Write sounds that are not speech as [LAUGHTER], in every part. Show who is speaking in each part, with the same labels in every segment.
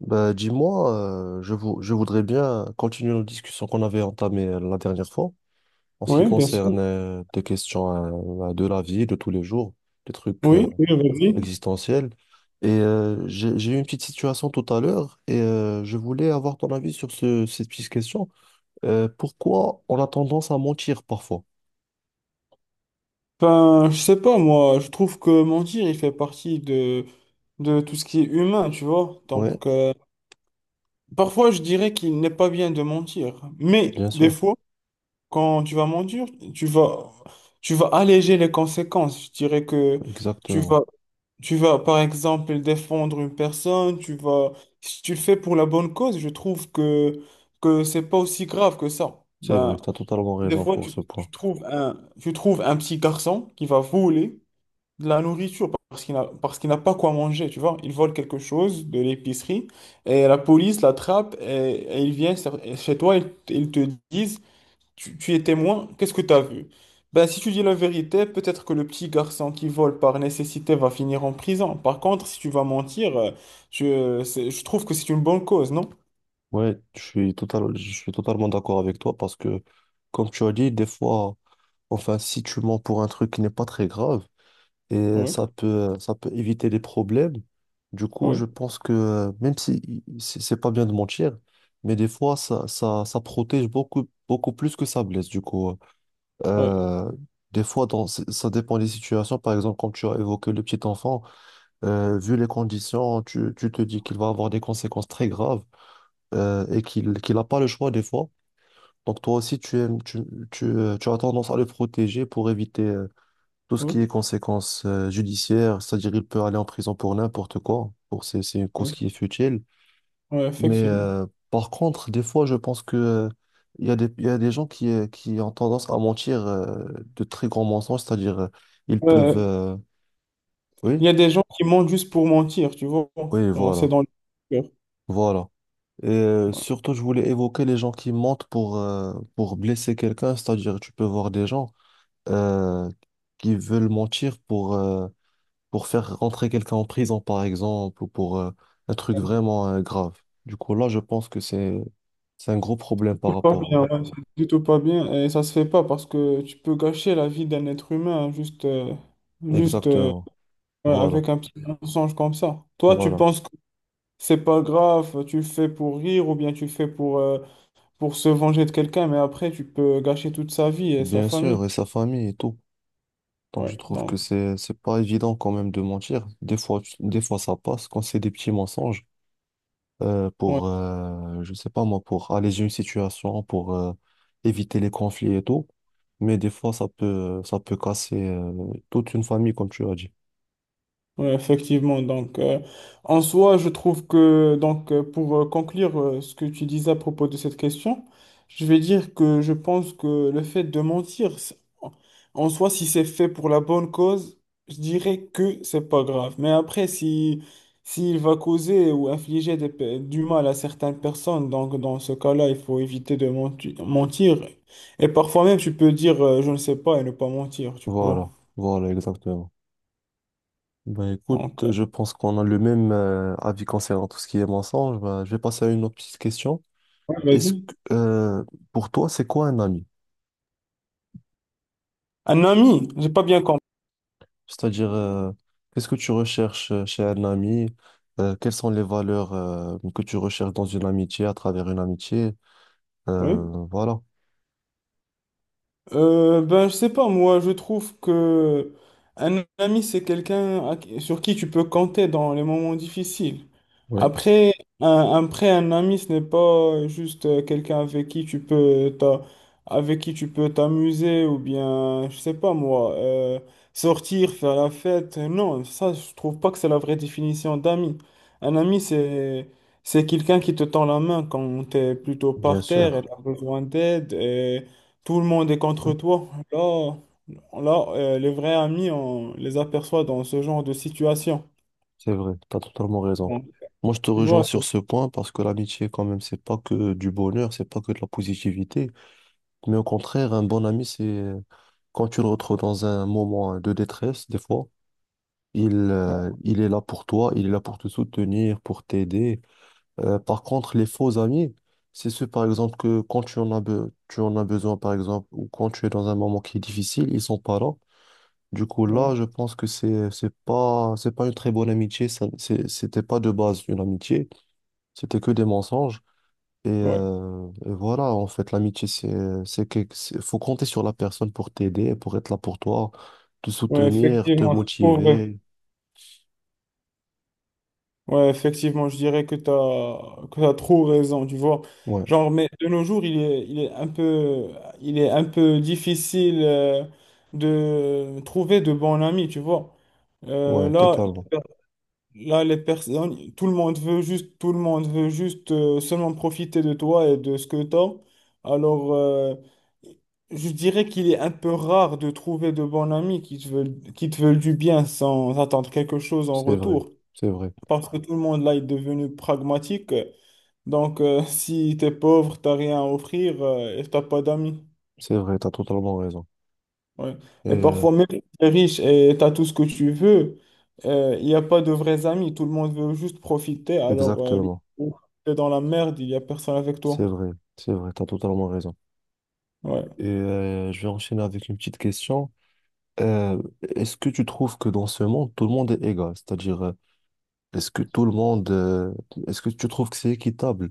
Speaker 1: Bah, dis-moi, je voudrais bien continuer nos discussions qu'on avait entamées la dernière fois en ce qui
Speaker 2: Oui, bien
Speaker 1: concerne
Speaker 2: sûr.
Speaker 1: des questions de la vie, de tous les jours, des trucs
Speaker 2: Oui, oui, vas-y.
Speaker 1: existentiels. J'ai eu une petite situation tout à l'heure et je voulais avoir ton avis sur cette petite question. Pourquoi on a tendance à mentir parfois?
Speaker 2: Enfin, je sais pas, moi, je trouve que mentir, il fait partie de tout ce qui est humain, tu vois.
Speaker 1: Oui,
Speaker 2: Donc, parfois, je dirais qu'il n'est pas bien de mentir. Mais
Speaker 1: bien
Speaker 2: des
Speaker 1: sûr,
Speaker 2: fois, quand tu vas mentir, tu vas, tu vas alléger les conséquences. Je dirais que tu
Speaker 1: exactement.
Speaker 2: vas, tu vas, par exemple, défendre une personne, si tu le fais pour la bonne cause, je trouve que c'est pas aussi grave que ça.
Speaker 1: C'est vrai,
Speaker 2: Ben,
Speaker 1: tu as totalement
Speaker 2: des
Speaker 1: raison
Speaker 2: fois,
Speaker 1: pour ce point.
Speaker 2: tu trouves tu trouves un petit garçon qui va voler de la nourriture parce qu'il n'a pas quoi manger, tu vois. Il vole quelque chose de l'épicerie et la police l'attrape et il vient chez toi et ils te disent, tu es témoin, qu'est-ce que tu as vu? Ben, si tu dis la vérité, peut-être que le petit garçon qui vole par nécessité va finir en prison. Par contre, si tu vas mentir, je trouve que c'est une bonne cause, non?
Speaker 1: Ouais, je suis totalement d'accord avec toi parce que, comme tu as dit, des fois, enfin, si tu mens pour un truc qui n'est pas très grave et
Speaker 2: Oui,
Speaker 1: ça peut éviter des problèmes, du coup, je
Speaker 2: oui,
Speaker 1: pense que même si c'est pas bien de mentir, mais des fois, ça protège beaucoup, beaucoup plus que ça blesse. Du coup,
Speaker 2: oui,
Speaker 1: euh, des fois, ça dépend des situations. Par exemple, quand tu as évoqué le petit enfant, vu les conditions, tu te dis qu'il va avoir des conséquences très graves et qu'il n'a pas le choix des fois. Donc toi aussi, tu as tendance à le protéger pour éviter tout ce
Speaker 2: oui,
Speaker 1: qui est conséquences judiciaires, c'est-à-dire il peut aller en prison pour n'importe quoi, pour c'est une cause
Speaker 2: oui,
Speaker 1: qui est futile.
Speaker 2: oui,
Speaker 1: Mais
Speaker 2: effectivement.
Speaker 1: par contre, des fois, je pense que il y a il y a des gens qui ont tendance à mentir de très grands mensonges, c'est-à-dire ils peuvent...
Speaker 2: Ouais, il
Speaker 1: Oui,
Speaker 2: y a des gens qui mentent juste pour mentir, tu vois.
Speaker 1: oui,
Speaker 2: Genre, c'est
Speaker 1: voilà,
Speaker 2: dans le cœur.
Speaker 1: voilà.
Speaker 2: Ouais.
Speaker 1: Surtout, je voulais évoquer les gens qui mentent pour blesser quelqu'un, c'est-à-dire tu peux voir des gens euh, qui veulent mentir pour faire rentrer quelqu'un en prison, par exemple, ou pour un truc vraiment grave. Du coup, là, je pense que c'est un gros problème par
Speaker 2: C'est pas
Speaker 1: rapport.
Speaker 2: bien, ouais, c'est du tout pas bien. Et ça se fait pas parce que tu peux gâcher la vie d'un être humain hein, juste, juste
Speaker 1: Exactement.
Speaker 2: ouais,
Speaker 1: Voilà,
Speaker 2: avec un petit mensonge comme ça. Toi, tu
Speaker 1: voilà.
Speaker 2: penses que c'est pas grave, tu le fais pour rire ou bien tu le fais pour se venger de quelqu'un, mais après, tu peux gâcher toute sa vie et sa
Speaker 1: Bien
Speaker 2: famille.
Speaker 1: sûr, et sa famille et tout. Donc, je
Speaker 2: Ouais,
Speaker 1: trouve
Speaker 2: donc,
Speaker 1: que c'est pas évident quand même de mentir. Des fois, des fois, ça passe quand c'est des petits mensonges.
Speaker 2: ouais.
Speaker 1: Pour, je sais pas moi, pour alléger une situation, pour éviter les conflits et tout. Mais des fois, ça peut casser toute une famille, comme tu as dit.
Speaker 2: Oui, effectivement. Donc, en soi, je trouve que, donc, pour conclure ce que tu disais à propos de cette question, je vais dire que je pense que le fait de mentir, en en soi, si c'est fait pour la bonne cause, je dirais que c'est pas grave. Mais après, si, s'il va causer ou infliger du mal à certaines personnes, donc, dans ce cas-là, il faut éviter de mentir. Et parfois même, tu peux dire, je ne sais pas et ne pas mentir, tu vois.
Speaker 1: Voilà, voilà, exactement. Ben écoute,
Speaker 2: Donc,
Speaker 1: je pense qu'on a le même avis concernant tout ce qui est mensonge. Ben, je vais passer à une autre petite question.
Speaker 2: ouais,
Speaker 1: Est-ce
Speaker 2: vas-y.
Speaker 1: que, pour toi, c'est quoi un ami?
Speaker 2: Un ami, j'ai pas bien compris.
Speaker 1: C'est-à-dire, qu'est-ce que tu recherches chez un ami? Quelles sont les valeurs que tu recherches dans une amitié, à travers une amitié?
Speaker 2: Oui.
Speaker 1: Voilà.
Speaker 2: Ben, je sais pas, moi, je trouve que un ami, c'est sur qui tu peux compter dans les moments difficiles.
Speaker 1: Oui,
Speaker 2: Après après, un ami, ce n'est pas juste quelqu'un avec qui tu peux t'a- avec qui tu peux t'amuser ou bien, je sais pas moi, sortir, faire la fête. Non, ça, je trouve pas que c'est la vraie définition d'ami. Un ami, c'est quelqu'un qui te tend la main quand tu es plutôt
Speaker 1: bien
Speaker 2: par terre et
Speaker 1: sûr.
Speaker 2: tu as besoin d'aide et tout le monde est contre toi. Là, les vrais amis, on les aperçoit dans ce genre de situation.
Speaker 1: C'est vrai, tu as totalement raison.
Speaker 2: Bon.
Speaker 1: Moi, je te
Speaker 2: Tu
Speaker 1: rejoins
Speaker 2: vois?
Speaker 1: sur ce point parce que l'amitié, quand même, c'est pas que du bonheur, c'est pas que de la positivité. Mais au contraire, un bon ami, c'est quand tu le retrouves dans un moment de détresse, des fois, il est là pour toi, il est là pour te soutenir, pour t'aider. Par contre, les faux amis, c'est ceux, par exemple, que quand tu en as besoin, par exemple, ou quand tu es dans un moment qui est difficile, ils sont pas là. Du coup,
Speaker 2: Ouais.
Speaker 1: là, je pense que c'est pas une très bonne amitié. C'était pas de base une amitié. C'était que des mensonges.
Speaker 2: Ouais.
Speaker 1: Et voilà, en fait, l'amitié, faut compter sur la personne pour t'aider, pour être là pour toi, te
Speaker 2: Ouais,
Speaker 1: soutenir, te
Speaker 2: effectivement, c'est trop vrai.
Speaker 1: motiver.
Speaker 2: Ouais, effectivement, je dirais que que t'as trop raison, tu vois.
Speaker 1: Ouais,
Speaker 2: Genre, mais de nos jours, il est un peu difficile de trouver de bons amis, tu vois. Euh,
Speaker 1: ouais,
Speaker 2: là,
Speaker 1: totalement.
Speaker 2: là, les personnes, tout le monde veut juste seulement profiter de toi et de ce que tu as. Alors, je dirais qu'il est un peu rare de trouver de bons amis qui te veulent du bien sans attendre quelque chose en
Speaker 1: C'est vrai,
Speaker 2: retour.
Speaker 1: c'est vrai,
Speaker 2: Parce que tout le monde là est devenu pragmatique. Donc, [LAUGHS] si t'es pauvre, t'as rien à offrir et t'as pas d'amis.
Speaker 1: c'est vrai. T'as totalement raison.
Speaker 2: Ouais.
Speaker 1: Et
Speaker 2: Et
Speaker 1: euh,
Speaker 2: parfois, même si t'es riche et t'as tout ce que tu veux, il n'y a pas de vrais amis. Tout le monde veut juste profiter. Alors, le
Speaker 1: exactement,
Speaker 2: jour où t'es dans la merde, il n'y a personne avec toi.
Speaker 1: c'est vrai, c'est vrai. T'as totalement raison.
Speaker 2: Ouais.
Speaker 1: Je vais enchaîner avec une petite question. Euh, Est-ce que tu trouves que dans ce monde, tout le monde est égal? C'est-à-dire, est-ce que tout le monde, est-ce que tu trouves que c'est équitable?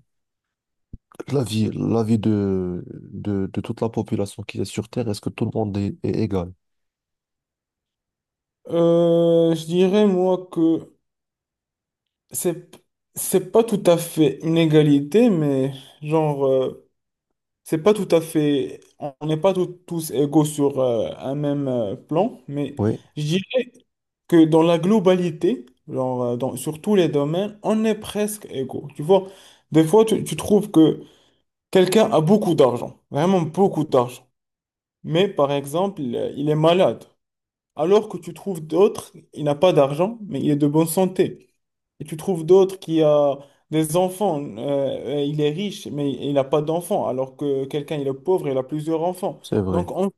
Speaker 1: La vie de toute la population qui est sur Terre, est-ce que tout le monde est égal?
Speaker 2: Je dirais, moi, c'est, c'est pas tout à fait une égalité, mais genre. C'est pas tout à fait, on n'est pas tous égaux sur un même plan, mais
Speaker 1: Oui,
Speaker 2: je dirais que dans la globalité, genre, sur tous les domaines, on est presque égaux. Tu vois, des fois, tu trouves que quelqu'un a beaucoup d'argent, vraiment beaucoup d'argent, mais par exemple, il est malade, alors que tu trouves d'autres, il n'a pas d'argent, mais il est de bonne santé. Et tu trouves d'autres qui a des enfants, il est riche, mais il n'a pas d'enfants, alors que quelqu'un, il est pauvre, il a plusieurs enfants.
Speaker 1: c'est vrai.
Speaker 2: Donc, on-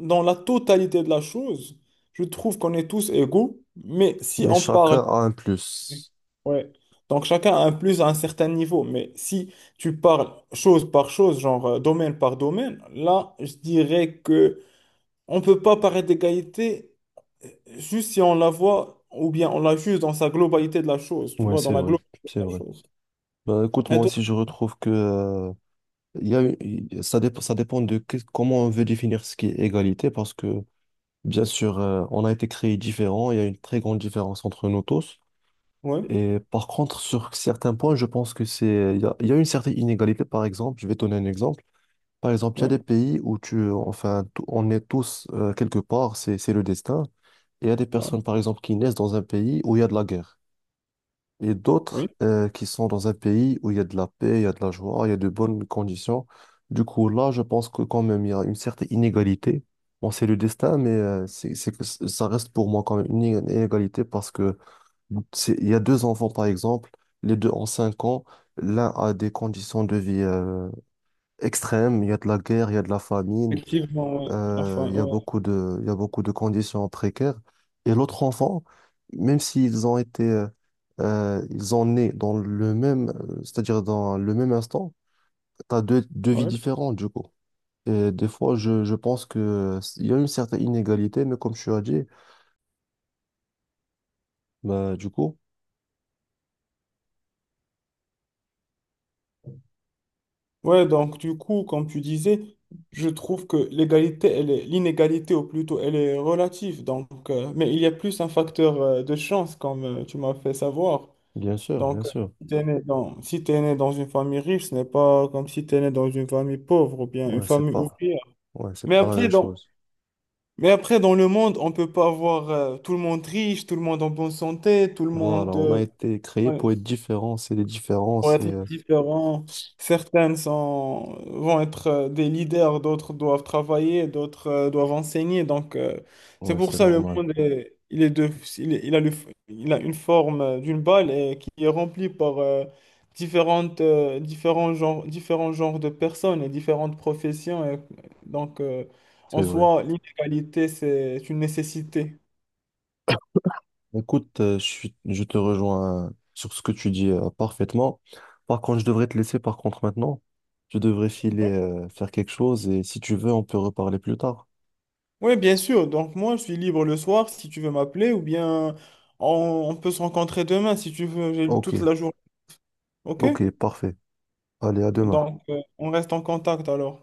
Speaker 2: dans la totalité de la chose, je trouve qu'on est tous égaux, mais si
Speaker 1: Mais
Speaker 2: on parle...
Speaker 1: chacun a un plus.
Speaker 2: Ouais. Donc, chacun a un plus à un certain niveau, mais si tu parles chose par chose, genre domaine par domaine, là, je dirais que on peut pas parler d'égalité euh, juste si on la voit ou bien on la juge dans sa globalité de la chose, tu
Speaker 1: Oui,
Speaker 2: vois, dans
Speaker 1: c'est
Speaker 2: la
Speaker 1: vrai,
Speaker 2: globalité
Speaker 1: c'est
Speaker 2: de la
Speaker 1: vrai.
Speaker 2: chose.
Speaker 1: Ben, écoute,
Speaker 2: Et
Speaker 1: moi
Speaker 2: toi?
Speaker 1: aussi, je retrouve que, il y a, ça dépend de comment on veut définir ce qui est égalité, parce que, bien sûr, on a été créés différents, il y a une très grande différence entre nous tous.
Speaker 2: Ouais,
Speaker 1: Et par contre, sur certains points, je pense que il y a une certaine inégalité. Par exemple, je vais te donner un exemple. Par exemple, il y a
Speaker 2: ouais,
Speaker 1: des pays où enfin, on est tous quelque part, c'est le destin. Et il y a des
Speaker 2: ouais,
Speaker 1: personnes, par exemple, qui naissent dans un pays où il y a de la guerre. Et
Speaker 2: oui.
Speaker 1: d'autres qui sont dans un pays où il y a de la paix, il y a de la joie, il y a de bonnes conditions. Du coup, là, je pense que quand même, il y a une certaine inégalité. Bon, c'est le destin, mais ça reste pour moi quand même une inégalité parce que il y a deux enfants, par exemple, les deux ont cinq ans. L'un a des conditions de vie extrêmes. Il y a de la guerre, il y a de la famine,
Speaker 2: Effectivement, ouais. Enfin,
Speaker 1: il y a
Speaker 2: ouais,
Speaker 1: beaucoup il y a beaucoup de conditions précaires. Et l'autre enfant, même s'ils ont été, ils ont né dans le même, c'est-à-dire dans le même instant, tu as deux vies
Speaker 2: ouais.
Speaker 1: différentes, du coup. Et des fois, je pense que il y a une certaine inégalité, mais comme tu as dit, bah, du coup,
Speaker 2: Ouais, donc du coup, comme tu disais, je trouve que l'inégalité, ou plutôt, elle est relative. Donc, mais il y a plus un facteur de chance, comme tu m'as fait savoir.
Speaker 1: bien sûr, bien
Speaker 2: Donc,
Speaker 1: sûr.
Speaker 2: si t'es né dans une famille riche, ce n'est pas comme si t'es né dans une famille pauvre ou bien une
Speaker 1: Ouais, c'est
Speaker 2: famille
Speaker 1: pas.
Speaker 2: ouvrière.
Speaker 1: Ouais, c'est
Speaker 2: Mais
Speaker 1: pas la même
Speaker 2: après, dans,
Speaker 1: chose.
Speaker 2: mais après, dans le monde, on peut pas avoir tout le monde riche, tout le monde en bonne santé, tout le
Speaker 1: Voilà,
Speaker 2: monde.
Speaker 1: on a été créé
Speaker 2: Ouais
Speaker 1: pour être différents, c'est les
Speaker 2: vont
Speaker 1: différences et
Speaker 2: être différents. Vont être des leaders, d'autres doivent travailler, d'autres doivent enseigner. Donc, c'est
Speaker 1: ouais,
Speaker 2: pour
Speaker 1: c'est
Speaker 2: ça le
Speaker 1: normal,
Speaker 2: monde il, est- il a le, il a une forme d'une balle et qui est remplie par différents genres de personnes et différentes professions. Et donc, en
Speaker 1: c'est vrai.
Speaker 2: soi, l'inégalité, c'est une nécessité.
Speaker 1: Écoute, je te rejoins sur ce que tu dis parfaitement. Par contre, je devrais te laisser par contre maintenant. Je devrais filer faire quelque chose et si tu veux, on peut reparler plus tard.
Speaker 2: Oui, bien sûr. Donc moi, je suis libre le soir si tu veux m'appeler ou bien on peut se rencontrer demain si tu veux, j'ai
Speaker 1: Ok,
Speaker 2: toute la journée. OK?
Speaker 1: ok, parfait. Allez, à demain.
Speaker 2: Donc on reste en contact alors.